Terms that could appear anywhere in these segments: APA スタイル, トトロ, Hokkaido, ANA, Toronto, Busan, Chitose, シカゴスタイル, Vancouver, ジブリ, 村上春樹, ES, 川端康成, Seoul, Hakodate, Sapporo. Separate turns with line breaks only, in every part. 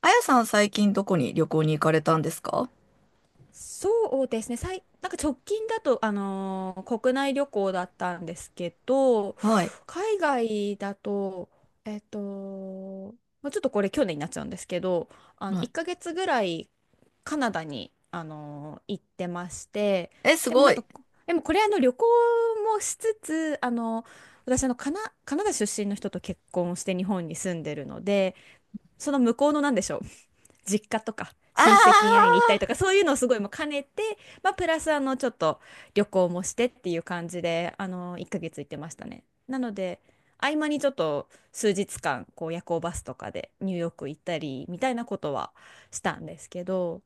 あやさん、最近どこに旅行に行かれたんですか？
そうですね、なんか直近だと、国内旅行だったんですけど、
はい。
海外だと、もうちょっとこれ去年になっちゃうんですけど、
は
1
い。
ヶ月ぐらいカナダに、行ってまして、
え、す
でも
ご
なんか、
い。
でもこれあの旅行もしつつ、あの私あのカナダ出身の人と結婚して日本に住んでるので、その向こうのなんでしょう、実家とか親戚に会い
あ
に行ったりとかそういうのをすごいもう兼ねて、まあ、プラスあのちょっと旅行もしてっていう感じであの1ヶ月行ってましたね。なので合間にちょっと数日間こう夜行バスとかでニューヨーク行ったりみたいなことはしたんですけど、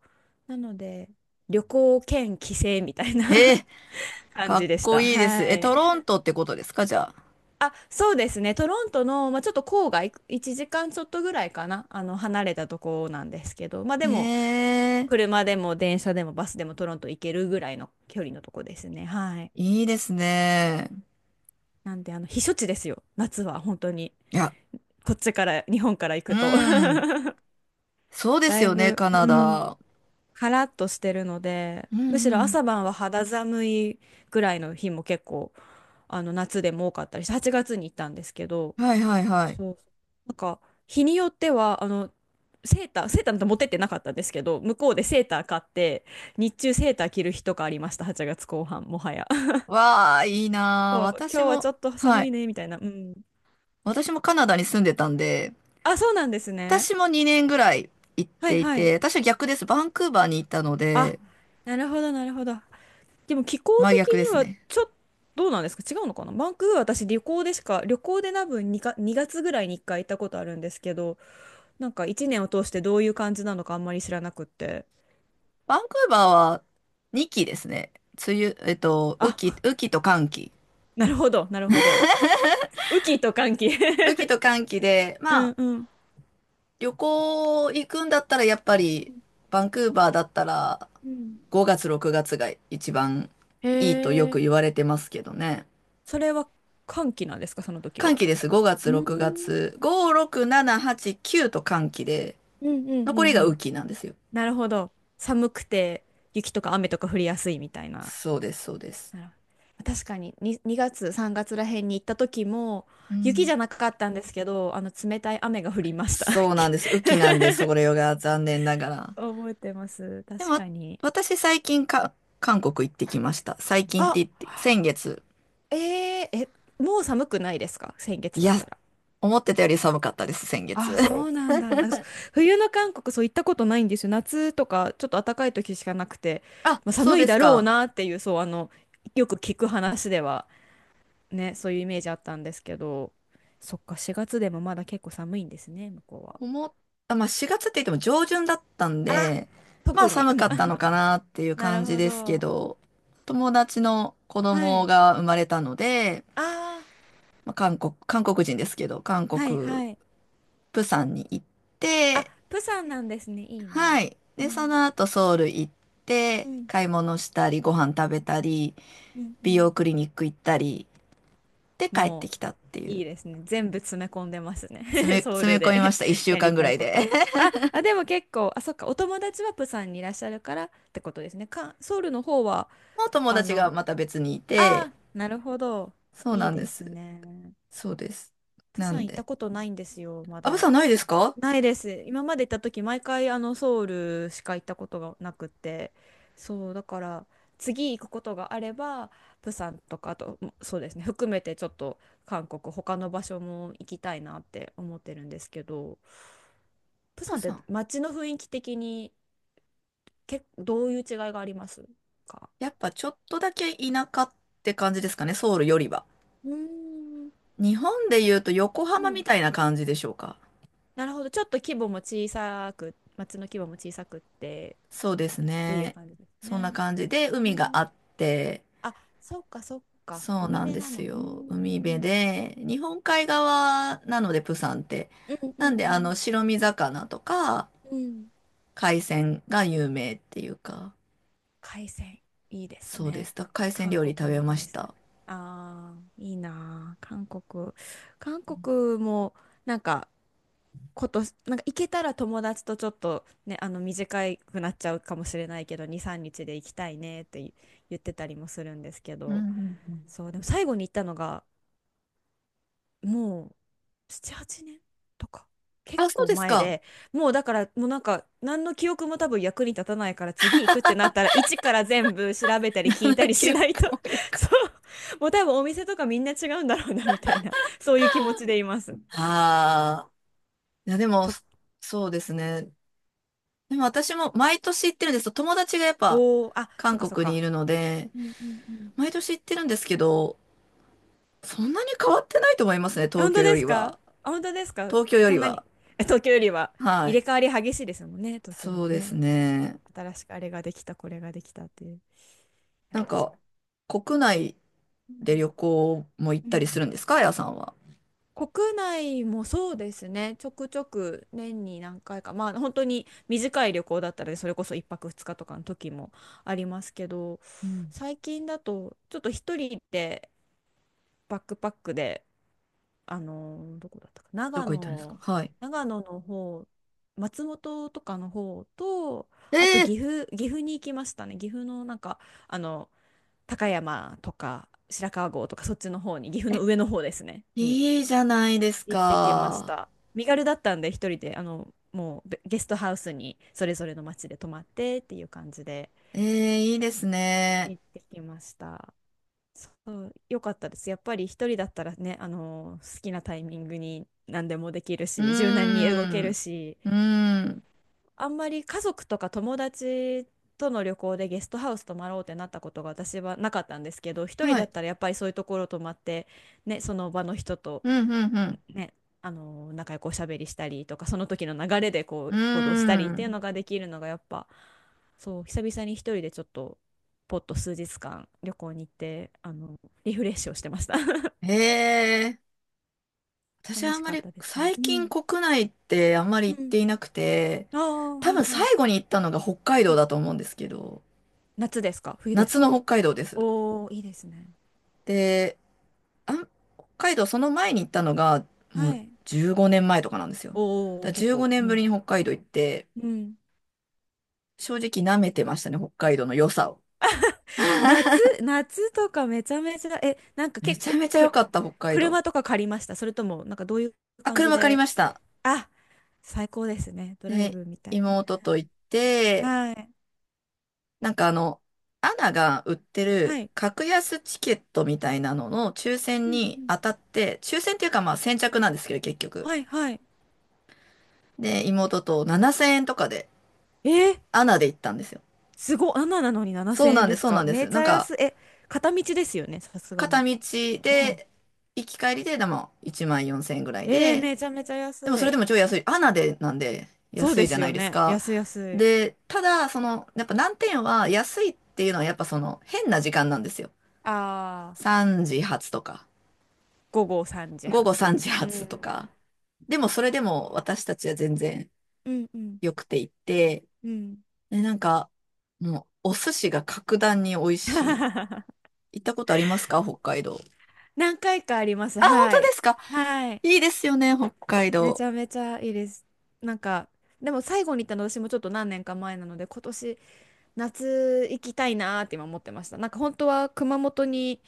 なので旅行兼帰省みたいな
ー えー、
感
かっ
じでし
こ
た。
いいで
は
す。え、トロ
い。
ントってことですか、じゃあ。
あ、そうですね。トロントの、まあ、ちょっと郊外、1時間ちょっとぐらいかな、あの、離れたとこなんですけど、まあでも、
えー、
車でも電車でもバスでもトロント行けるぐらいの距離のとこですね。はい。
いいですね。
なんで、あの、避暑地ですよ。夏は本当に。
いや、
こっちから、日本から行
う
くと
ん。そうです
だい
よね、
ぶ、
カナ
うん、
ダ。
カラッとしてるので、
うん
むし
う
ろ
ん。
朝晩は肌寒いぐらいの日も結構、あの、夏でも多かったりして、8月に行ったんですけど、
はいはいはい。
そう。なんか、日によっては、あの、セーターなんて持ってってなかったんですけど、向こうでセーター買って、日中セーター着る日とかありました、8月後半、もはや。
わあ、いいなあ。
そう、
私
今日はちょ
も、
っと
は
寒い
い。
ね、みたいな。うん。
私もカナダに住んでたんで、
あ、そうなんですね。
私も2年ぐらい行っ
はい
てい
はい。
て、私は逆です。バンクーバーに行ったの
あ、
で、
なるほど。でも気候
真
的
逆です
には
ね。
ちょっと、どうなんですか、違うのかな、バンクーバー私旅行でしか、旅行で多分にか、2月ぐらいに1回行ったことあるんですけど、なんか1年を通してどういう感じなのかあんまり知らなくって。
バンクーバーは2期ですね。梅雨、雨季、
あ、
雨季と乾季。
なるほど。雨季と乾季
雨季 と乾季で、
う
ま
ん
あ、
うん。
旅行行くんだったらやっぱ
う
り、
ん
バンクーバーだったら
うん
5月、6月が一番
へ
いいとよく
え。
言われてますけどね。
それは寒気なんですかその時
乾
は。
季です。5月、
うー
6
ん。
月。5、6、7、8、9と乾季で、
うんうんう
残り
ん
が
うん。
雨季なんですよ。
なるほど。寒くて雪とか雨とか降りやすいみたいな。
そうです、そうです。
なるほど、確かにに2、月、3月らへんに行った時も
う
雪じ
ん。
ゃなかったんですけど、あの冷たい雨が降りました。
そうなんです。雨季なんで、それが残念なが ら。
覚えてます。
で
確
も、
かに。
私最近、韓国行ってきました。最近って
あ、
言って、先月。
えー、え、もう寒くないですか、先月
い
だ
や、
ったら。
思ってたより寒かったです、先月。
あ、そう なんだ。なんかそ冬の韓国そう行ったことないんですよ。夏とかちょっと暖かい時しかなくて、
あ、
まあ、
そう
寒
で
い
す
だろう
か。
なっていう、そう、あの、よく聞く話ではね、そういうイメージあったんですけど、そっか、4月でもまだ結構寒いんですね、向こうは。
思っ、あ、まあ4月って言っても上旬だったん
あ、
で、まあ
特に。
寒
う
か
ん、
ったの
あ、
かなっていう
なる
感じ
ほ
ですけ
ど。
ど、友達の子
は
供
い、
が生まれたので、
ああ、
まあ、韓国、韓国人ですけど、韓
はい、
国、
はい。
釜山に行っ
あ、
て、
プサンなんですね。いい
は
な。
い。
う
で、その
ん、
後ソウル行っ
う
て、
ん、
買い物したり、ご飯食べたり、
うん、う
美
ん。
容クリニック行ったり、で帰って
も
きたってい
う、い
う。
いですね。全部詰め込んでます
詰め、
ね。ソウ
詰め
ル
込みま
で
した。一 週
やり
間ぐ
た
ら
い
い
こ
で。
と。あ、あ、でも結構、あ、そっか、お友達はプサンにいらっしゃるからってことですね。か、ソウルの方は、
もう友
あ
達が
の、
また別にい
あ
て、
あ、なるほど。
そう
い
な
い
んで
です
す。
ね。
そうです。
プ
な
サン
ん
行った
で。
ことないんですよ、ま
あ、プサ
だ。
ンないですか？
ないです。今まで行った時、毎回あのソウルしか行ったことがなくて、そう、だから次行くことがあれば、プサンとか、あと、そうですね、含めてちょっと韓国、他の場所も行きたいなって思ってるんですけど、プ
プ
サンっ
サ
て
ン。
街の雰囲気的に、け、どういう違いがありますか。
やっぱちょっとだけ田舎って感じですかね、ソウルよりは。
うーん、
日本で言うと横
う
浜み
ん。
たいな感じでしょうか。
なるほど、ちょっと規模も小さく、街の規模も小さくって
そうです
っていう
ね。
感じです
そんな
ね。
感じで
う
海が
ん、
あって、
あ、そっかそっか。
そう
海
なん
辺
で
な
す
の。うー
よ。海辺
ん。
で、日本海側なので、プサンって。
うん
なんで、
う
あ
ん
の、白身魚とか、
うん。うん。
海鮮が有名っていうか、
海鮮。いいです
そうで
ね。
す。海鮮
韓
料理食
国
べ
の
まし
海鮮。
た。
ああ、いいなあ韓国。韓国も、なんか、こと、なんか行けたら友達とちょっとね、あの、短くなっちゃうかもしれないけど、2、3日で行きたいねって言ってたりもするんですけ
うんう
ど、
んうん。
そう、でも最後に行ったのが、もう7、8年とか。結
あ、そう
構
です
前
か。
で、もうだから、もうなんか、何の記憶も多分役に立たないから、次行くってなったら、一から全部調べたり
あ
聞いた
の
り
記
し
憶
ないと
をや か
そ
に。
う。もう多分お店とかみんな違うんだろうな、みたいな、そういう気持ちでいます。
ああ。いや、でも、
と、
そうですね。でも私も毎年行ってるんですよ。友達がやっぱ、
おー、あ、そ
韓
っかそっ
国にい
か。
るので、
うんうんうん。
毎年行ってるんですけど、そんなに変わってないと思いますね、
あ、
東
本
京
当
よ
で
り
すか。
は。
あ、本当ですか。
東京よ
そ
り
んな
は。
に。え、東京よりは
は
入れ
い。
替わり激しいですもんね、東京
そう
も
です
ね。
ね。
新しくあれができた、これができたっていう。いや、
なん
確か
か、国内
に。
で旅行も行っ
うん
た
う
り
ん。
するんですか、あやさんは？
国内もそうですね、ちょくちょく年に何回か、まあ本当に短い旅行だったら、それこそ1泊2日とかの時もありますけど、
うん。
最近だと、ちょっと一人でバックパックで、どこだったか、
ど
長
こ行ったんですか？
野、
はい。
長野の方、松本とかの方と、
え
あと
え、
岐阜に行きましたね。岐阜のなんか、あの、高山とか白川郷とか、そっちの方に、岐阜の上の方ですね、に
いいじゃないです
行ってきまし
か。
た。身軽だったんで、一人で、あの、もうゲストハウスにそれぞれの町で泊まってっていう感じで
ええ、いいですね。
行ってきました。そう、よかったです。やっぱり一人だったらね、あの、好きなタイミングに何でもできる
う
し、柔軟に動け
ー
る
ん。
し、
うーん。
あんまり家族とか友達との旅行でゲストハウス泊まろうってなったことが私はなかったんですけど、一人
は
だ
い。
ったらやっぱりそういうところ泊まって、ね、その場の人と。
うん、うん、
ね、あの仲良くおしゃべりしたりとかその時の流れでこ
う
う行動したりっ
ん。うー
ていうの
ん。
ができるのがやっぱ、そう、久々に一人でちょっとポッと数日間旅行に行ってあのリフレッシュをしてました。
ええ、 私は
楽
あん
し
ま
かっ
り、
たですね。
最
う
近
ん
国内ってあんまり
う
行っ
ん
ていなくて、
ああー
多
は
分
い
最
はい。
後に行ったのが北海道だと
あ、
思うんですけど、
夏ですか、冬です
夏の
か。
北海道です。
おおー、いいですね。
で、あん、北海道その前に行ったのが、も
は
う
い。
15年前とかなんですよ。だ
お
か
おー
ら
結
15
構う
年ぶ
ん
りに北海道行って、
うん
正直舐めてましたね、北海道の良さを。
夏 夏とかめちゃめちゃえなんか
め
結
ちゃ
構
めちゃ良
く
かった、北海道。
車とか借りましたそれともなんかどういう
あ、
感じ
車借り
で。
ました。
あ、最高ですね。ドライ
で、
ブみたいね。
妹と行って、
はい。
なんかアナが売って
は
る
い。
格安チケットみたいなのの抽
う
選
んう
に
ん。
当たって、抽選っていうかまあ先着なんですけど、結局。
はいはい。
で、妹と7000円とかで、
えー、
アナで行ったんですよ。
すごい。あんななのに
そう
7000
な
円
ん
で
です、
す
そうな
か。
んです。
めち
なん
ゃ
か、
安い。え、片道ですよね、さすが
片
に。
道
うん。
で、行き帰りで、でも1万4000円ぐらい
えー、
で、
めちゃめちゃ
でもそ
安
れで
い。
も超安い。アナでなんで
そう
安
で
いじゃ
す
な
よ
いです
ね。
か。
安い安い。
で、ただ、やっぱ難点は安いっていうのはやっぱその変な時間なんですよ。
ああ、
3時発とか、
午後3時
午後
発。
3時
う
発と
ん。
か。でもそれでも私たちは全然
うんうん
良くて行って、
うん。
で、なんか、もうお寿司が格段に美味しい。行ったことありますか、北海道？
何回かあります。
あ、本
は
当で
い。
すか？
はい。
いいですよね、北海
め
道。
ちゃめちゃいいです。なんか、でも最後に行ったの私もちょっと何年か前なので、今年、夏行きたいなーって今思ってました。なんか本当は熊本に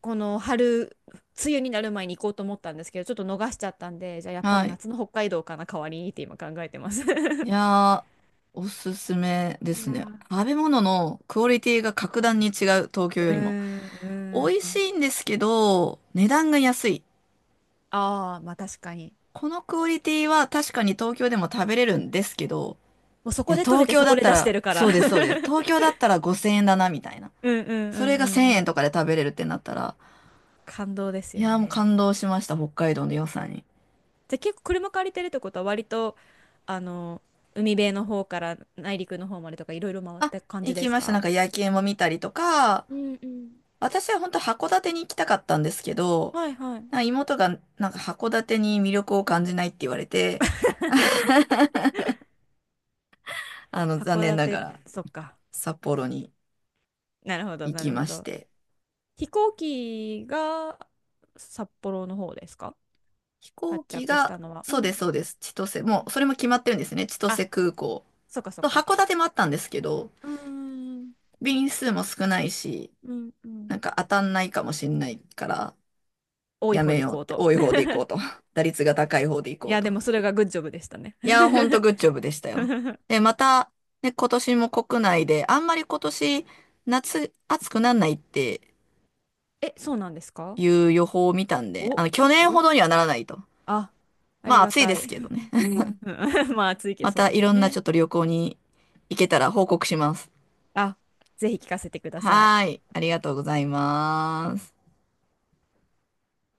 この春、梅雨になる前に行こうと思ったんですけど、ちょっと逃しちゃったんで、じゃあやっぱ
は
り
い。
夏の北海道かな、代わりにって今考えてます。
い やー、おすすめで
い
す
や
ね。
ー、
食べ物のクオリティが格段に違う、東京
ー
よりも。
ん、
美
う
味
ー
し
ん。
いんですけど、値段が安い。
ああ、まあ確かに。
このクオリティは確かに東京でも食べれるんですけど、
もうそ
い
こ
や、
で取
東
れて
京
そ
だ
こ
っ
で
た
出し
ら、
てるから。
そうです、そうです。東京 だったら5000円だな、みたいな。
うんうんう
それ
ん
が
うん
1000
う
円
ん。
とかで食べれるってなったら、
感動です
い
よ
やーもう感
ね。
動しました、北海道の良さに。
じゃあ結構車借りてるってことは割と、あの、海辺の方から内陸の方までとかいろいろ回っ
あ、
た感じ
行
で
き
す
ました。な
か。
んか夜景も見たりとか、
うんうん。
私は本当函館に行きたかったんですけど、
はいは
な
い。
んか妹がなんか函館に魅力を感じないって言われて、あの、残
函
念なが
館、
ら
そっか。
札幌に
なるほど、
行
な
き
る
ま
ほ
し
ど。
て。
飛行機が札幌の方ですか、
飛行
発
機
着し
が、
たのは。う
そうで
ん。
す、そうです。千歳、
う
も
ん。
うそれも決まってるんですね。千
あ、
歳空港。
そっかそっ
と
か。
函館もあったんですけど、
うーん。
便数も少ないし、
うん。うん。
なんか当たんないかもしんないから、
多い
や
方
め
で行
よう
こ
っ
う
て、
と。
多い方で行こうと。打率が高い方で行
い
こう
や、で
と。
もそれがグッジョブでしたね。
いや、ほんとグッジョブでしたよ。で、また、ね、今年も国内で、あんまり今年、夏、暑くならないって
え、そうなんですか。
いう予報を見たんで、あ
お、
の、去年ほ
お、
どにはならないと。
あ、あ
ま
り
あ、
が
暑いで
た
す
い。
けどね。
うんうん まあ、つい け
ま
そう
た
です
い
よ
ろんなち
ね。
ょっと旅行に行けたら報告します。
あ、ぜひ聞かせてください。
はーい、ありがとうございます。